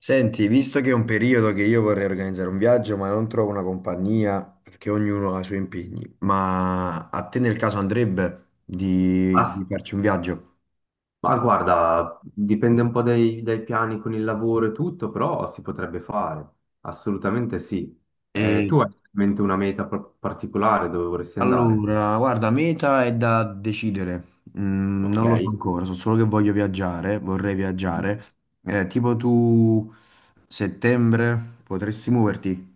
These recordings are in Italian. Senti, visto che è un periodo che io vorrei organizzare un viaggio, ma non trovo una compagnia perché ognuno ha i suoi impegni, ma a te nel caso andrebbe di Ma, farci un viaggio? ma guarda, dipende un po' dai piani con il lavoro e tutto, però si potrebbe fare, assolutamente sì. E Tu hai in mente una meta particolare dove vorresti andare? allora, guarda, meta è da decidere. Mm, Ok. non lo so ancora, so solo che voglio viaggiare, vorrei Mhm. viaggiare. Tipo tu settembre potresti muoverti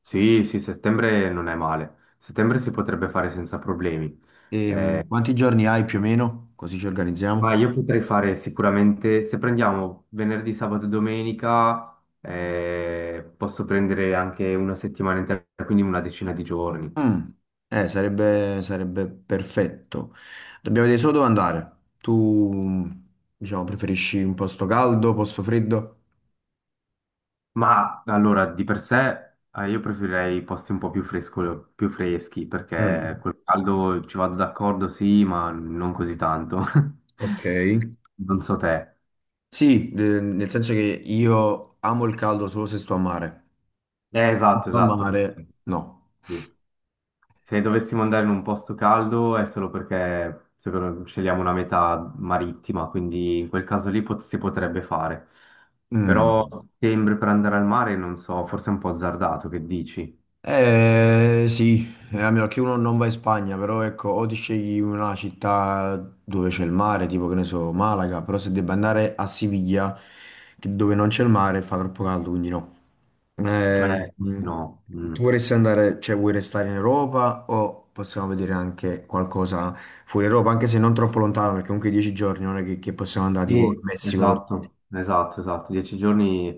Sì, sì, settembre non è male. Settembre si potrebbe fare senza problemi. e Eh, quanti giorni hai più o meno? Così ci ma organizziamo. io potrei fare sicuramente, se prendiamo venerdì, sabato e domenica, posso prendere anche una settimana intera, quindi una decina di giorni. Mm. Sarebbe perfetto. Dobbiamo vedere solo dove andare. Tu, diciamo, preferisci un posto caldo, posto freddo? Ma allora, di per sé, io preferirei posti un po' più fresco- più freschi, perché Mm, col caldo ci vado d'accordo, sì, ma non così tanto. ok. Non so te. Sì, nel senso che io amo il caldo solo se sto a mare. Se Esatto, sto a esatto. mare, no. Sì. Se dovessimo andare in un posto caldo è solo perché secondo, scegliamo una meta marittima, quindi in quel caso lì si potrebbe fare. Mm. Però settembre per andare al mare, non so, forse è un po' azzardato, che dici? Eh sì, a meno che uno non va in Spagna, però ecco, o ti scegli una città dove c'è il mare, tipo che ne so, Malaga, però se debba andare a Siviglia, dove non c'è il mare, fa troppo caldo, quindi no. Eh, mh, No. tu Mm. vorresti andare, cioè vuoi restare in Europa o possiamo vedere anche qualcosa fuori Europa, anche se non troppo lontano, perché comunque 10 giorni non è che possiamo andare tipo in Sì, Messico per dire. esatto, esatto, esatto. Dieci giorni,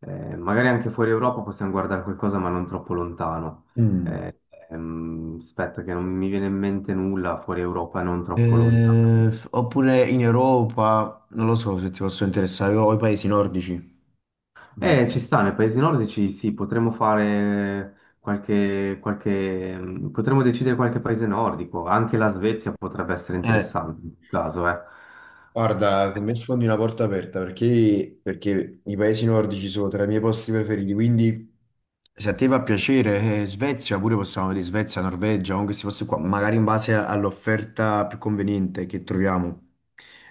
magari anche fuori Europa possiamo guardare qualcosa, ma non troppo lontano. Mm. Eh, aspetta, che non mi viene in mente nulla fuori Europa, non troppo lontano. Oppure in Europa, non lo so se ti posso interessare, o i paesi nordici. Mm. Ci sta, nei paesi nordici sì, potremmo fare potremmo decidere qualche paese nordico, anche la Svezia potrebbe essere Eh, interessante in questo caso, eh. guarda, con me sfondi una porta aperta perché i paesi nordici sono tra i miei posti preferiti, quindi se a te fa piacere, Svezia, pure possiamo vedere Svezia, Norvegia, o questi posti qua, magari in base all'offerta più conveniente che troviamo,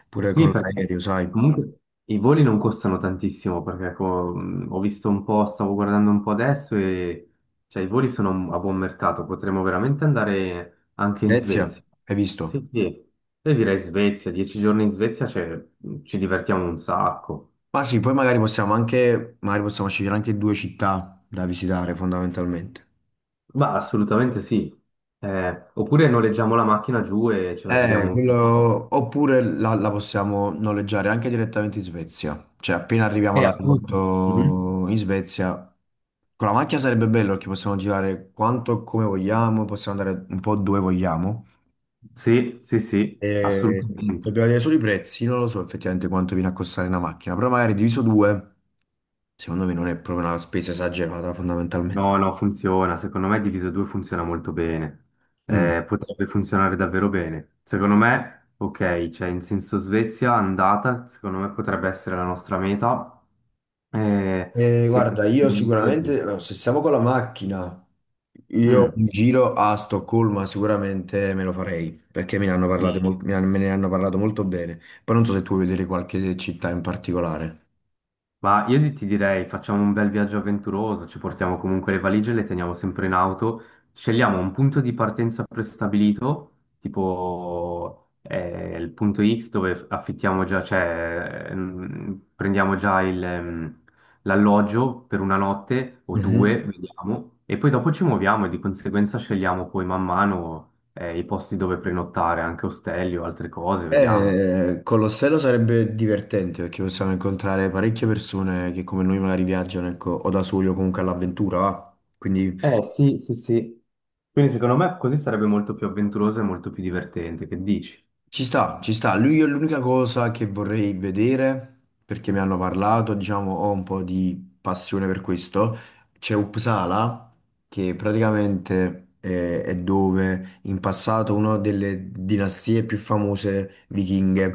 pure con Sì, perché l'aereo, sai. comunque i voli non costano tantissimo, perché ho visto un po', stavo guardando un po' adesso e cioè, i voli sono a buon mercato, potremmo veramente andare anche in Svezia, Svezia. hai visto? Sì, sì. Io direi Svezia, dieci giorni in Svezia, cioè, ci divertiamo un sacco. Ma sì, poi magari possiamo anche, magari possiamo scegliere anche due città da visitare fondamentalmente. Ma assolutamente sì. Oppure noleggiamo la macchina giù e ce la giriamo un po'. Oppure la possiamo noleggiare anche direttamente in Svezia. Cioè, appena arriviamo Appunto. Mhm. all'aeroporto in Svezia, con la macchina sarebbe bello perché possiamo girare quanto e come vogliamo, possiamo andare un po' dove vogliamo. Sì, sì, sì, E assolutamente. dobbiamo vedere solo i prezzi, non lo so effettivamente quanto viene a costare una macchina, però magari diviso due, secondo me non è proprio una spesa esagerata fondamentalmente. No, no, funziona. Secondo me diviso 2 funziona molto bene. Mm. Potrebbe funzionare davvero bene. Secondo me, ok, cioè in senso Svezia andata, secondo me potrebbe essere la nostra meta. Eh, Eh, se... guarda, io sicuramente, allora, se stiamo con la macchina, io Mm, un giro a Stoccolma sicuramente me lo farei, perché me ne hanno parlato, sì. Me ne hanno parlato molto bene. Poi non so se tu vuoi vedere qualche città in particolare. Ma io ti direi, facciamo un bel viaggio avventuroso, ci portiamo comunque le valigie, le teniamo sempre in auto, scegliamo un punto di partenza prestabilito, tipo il punto X dove affittiamo già, prendiamo già l'alloggio per una notte o Mhm. due, vediamo, e poi dopo ci muoviamo e di conseguenza scegliamo poi man mano i posti dove prenottare, anche ostelli o altre cose, vediamo. Con l'ostello sarebbe divertente, perché possiamo incontrare parecchie persone che come noi magari viaggiano, ecco, o da soli o comunque all'avventura, va? Quindi Eh sì, sì, sì. Quindi secondo me così sarebbe molto più avventuroso e molto più divertente, che dici? ci sta, ci sta. Lui è l'unica cosa che vorrei vedere, perché mi hanno parlato, diciamo, ho un po' di passione per questo. C'è Uppsala, che praticamente è dove in passato una delle dinastie più famose vichinghe,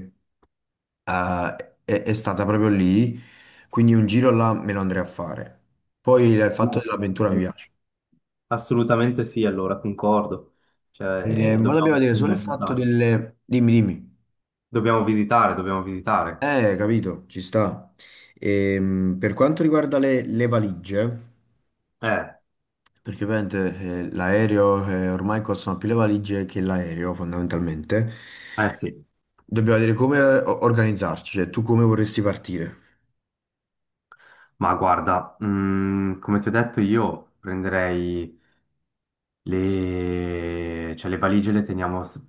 eh, è stata proprio lì, quindi un giro là me lo andrei a fare. Poi il fatto No. dell'avventura mi piace. Assolutamente sì, allora concordo. Cioè, Eh, ma dobbiamo dire solo il fatto delle... Dimmi, dimmi. Dobbiamo visitare. Capito, ci sta. Per quanto riguarda le valigie, Eh, perché ovviamente l'aereo ormai costano più le valigie che l'aereo, fondamentalmente, eh sì, dobbiamo vedere come organizzarci, cioè tu come vorresti partire. ma guarda, mm, come ti ho detto io prenderei... Le, cioè, le valigie le teniamo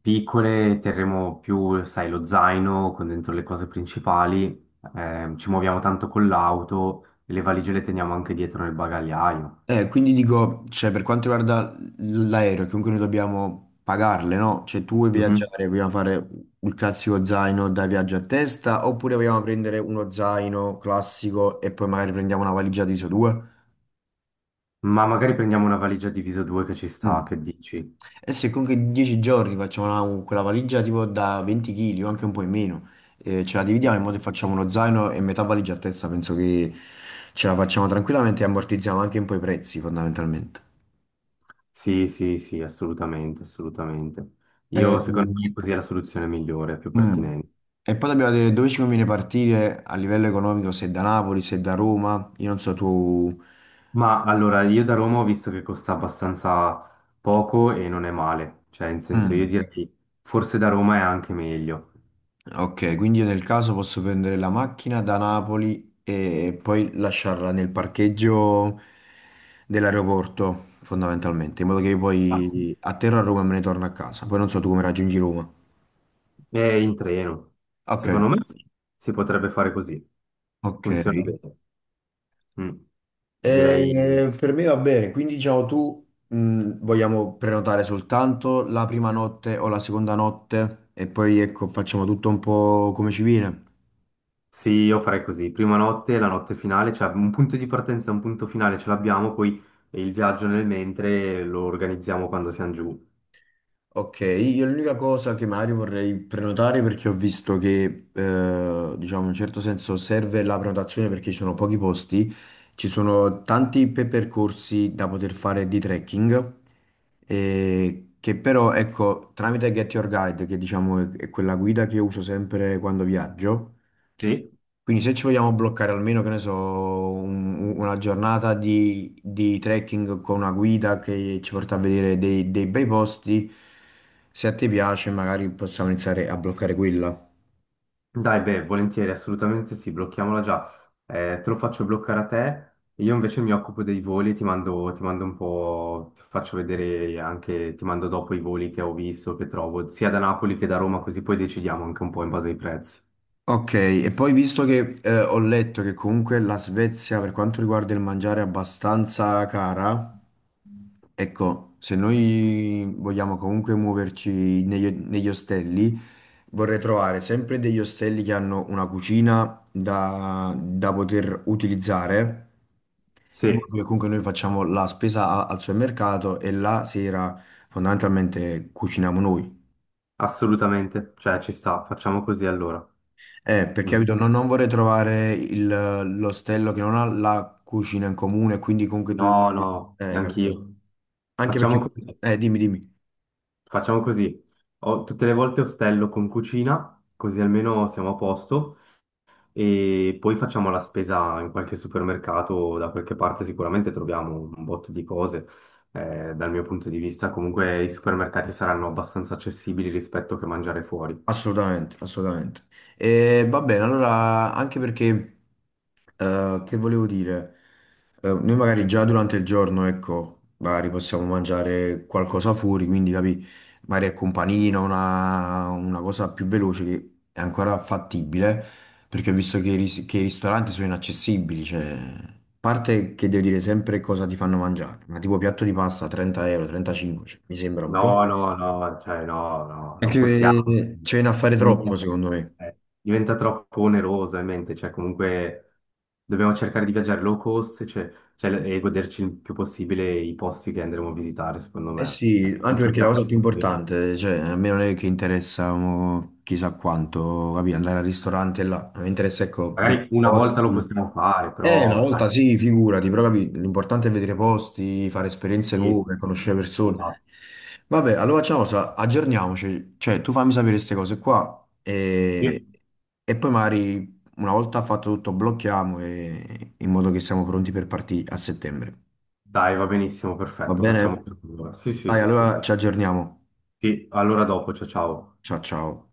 piccole, terremo più, sai, lo zaino con dentro le cose principali, ci muoviamo tanto con l'auto e le valigie le teniamo anche dietro nel bagagliaio. Quindi dico, cioè, per quanto riguarda l'aereo, comunque noi dobbiamo pagarle, no? Cioè tu vuoi Mhm. viaggiare, vogliamo fare il classico zaino da viaggio a testa, oppure vogliamo prendere uno zaino classico e poi magari prendiamo una valigia di ISO 2? Ma magari prendiamo una valigia diviso due che ci sta, che dici? Eh sì, comunque 10 giorni facciamo quella valigia tipo da 20 kg o anche un po' in meno. Ce la dividiamo in modo Mhm. che facciamo uno zaino e metà valigia a testa. Penso che ce la facciamo tranquillamente e ammortizziamo anche un po' i prezzi fondamentalmente. Sì, sì, sì, assolutamente, assolutamente. Eh, Io secondo me così è la soluzione migliore, più mm. pertinente. E poi dobbiamo vedere dove ci conviene partire a livello economico, se da Napoli, se da Roma. Io non so tu... Ma allora, io da Roma ho visto che costa abbastanza poco e non è male, cioè in senso io Mm. direi forse da Roma è anche meglio. Ok, quindi io nel caso posso prendere la macchina da Napoli e poi lasciarla nel parcheggio dell'aeroporto, fondamentalmente, in modo che io Ah, sì. poi atterro a Roma e me ne torno a casa. Poi non so tu come raggiungi Roma. È in treno. Ok, Secondo me sì, si potrebbe fare così, ok. funziona bene. Mm. Direi Per me va bene, quindi diciamo tu vogliamo prenotare soltanto la prima notte o la seconda notte e poi ecco facciamo tutto un po' come ci viene. sì, io farei così, prima notte, la notte finale, cioè un punto di partenza e un punto finale ce l'abbiamo, poi il viaggio nel mentre lo organizziamo quando siamo giù. Ok, io l'unica cosa che magari vorrei prenotare perché ho visto che, diciamo, in un certo senso serve la prenotazione perché ci sono pochi posti, ci sono tanti percorsi da poter fare di trekking, che però, ecco, tramite Get Your Guide, che diciamo è quella guida che uso sempre quando viaggio, Sì? quindi se ci vogliamo bloccare almeno, che ne so, una giornata di trekking con una guida che ci porta a vedere dei bei posti, se a te piace magari possiamo iniziare a bloccare quella. Dai, beh, volentieri, assolutamente sì, blocchiamola già. Te lo faccio bloccare a te, io invece mi occupo dei voli, ti mando un po', ti faccio vedere anche, ti mando dopo i voli che ho visto, che trovo, sia da Napoli che da Roma, così poi decidiamo anche un po' in base ai prezzi. Ok, e poi visto che ho letto che comunque la Svezia per quanto riguarda il mangiare è abbastanza cara. Ecco, se noi vogliamo comunque muoverci negli ostelli, vorrei trovare sempre degli ostelli che hanno una cucina da poter utilizzare, in Sì, modo che comunque noi facciamo la spesa al supermercato e la sera fondamentalmente cuciniamo noi. assolutamente, cioè ci sta, facciamo così allora. Perché Mhm. capito, non vorrei trovare l'ostello che non ha la cucina in comune, quindi comunque tu... No, no, Capito? neanch'io. Anche perché... Facciamo così, Dimmi, dimmi. facciamo così. Ho- tutte le volte ostello con cucina, così almeno siamo a posto. E poi facciamo la spesa in qualche supermercato, da qualche parte sicuramente troviamo un botto di cose. Dal mio punto di vista, comunque i supermercati saranno abbastanza accessibili rispetto che mangiare fuori. Assolutamente, assolutamente. E va bene, allora anche perché, che volevo dire, noi magari già durante il giorno, ecco, magari possiamo mangiare qualcosa fuori, quindi capi, magari è companino, una cosa più veloce che è ancora fattibile, perché ho visto che che i ristoranti sono inaccessibili, cioè, a parte che devo dire sempre cosa ti fanno mangiare, ma tipo piatto di pasta 30 euro, 35, cioè, mi sembra un po'... No, no, no, cioè no, no, non Anche possiamo. che ci viene a fare troppo, Niente. secondo me. Diventa troppo oneroso in mente, cioè comunque dobbiamo cercare di viaggiare low cost, cioè, e goderci il più possibile i posti che andremo a visitare, secondo Eh me. sì, anche perché la cosa Concentriamoci più su quello. importante, cioè, a me non è che interessa mo, chissà quanto, capì, andare al ristorante là, mi interessa, ecco, vedere Magari i una volta lo posti. possiamo fare, Una però sai, volta sì, figurati, però capì, l'importante è vedere posti, fare esperienze sì, nuove, sì, sì. conoscere Esatto. persone. Vabbè, allora facciamo una cosa, aggiorniamoci, cioè tu fammi sapere queste cose qua e, Sì. e poi magari una volta fatto tutto blocchiamo in modo che siamo pronti per partire a settembre. Dai, va benissimo, Va perfetto, facciamo bene? per allora. Sì, sì, Dai, sì, allora sì. ci aggiorniamo. Sì, allora dopo, ciao ciao. Ciao ciao.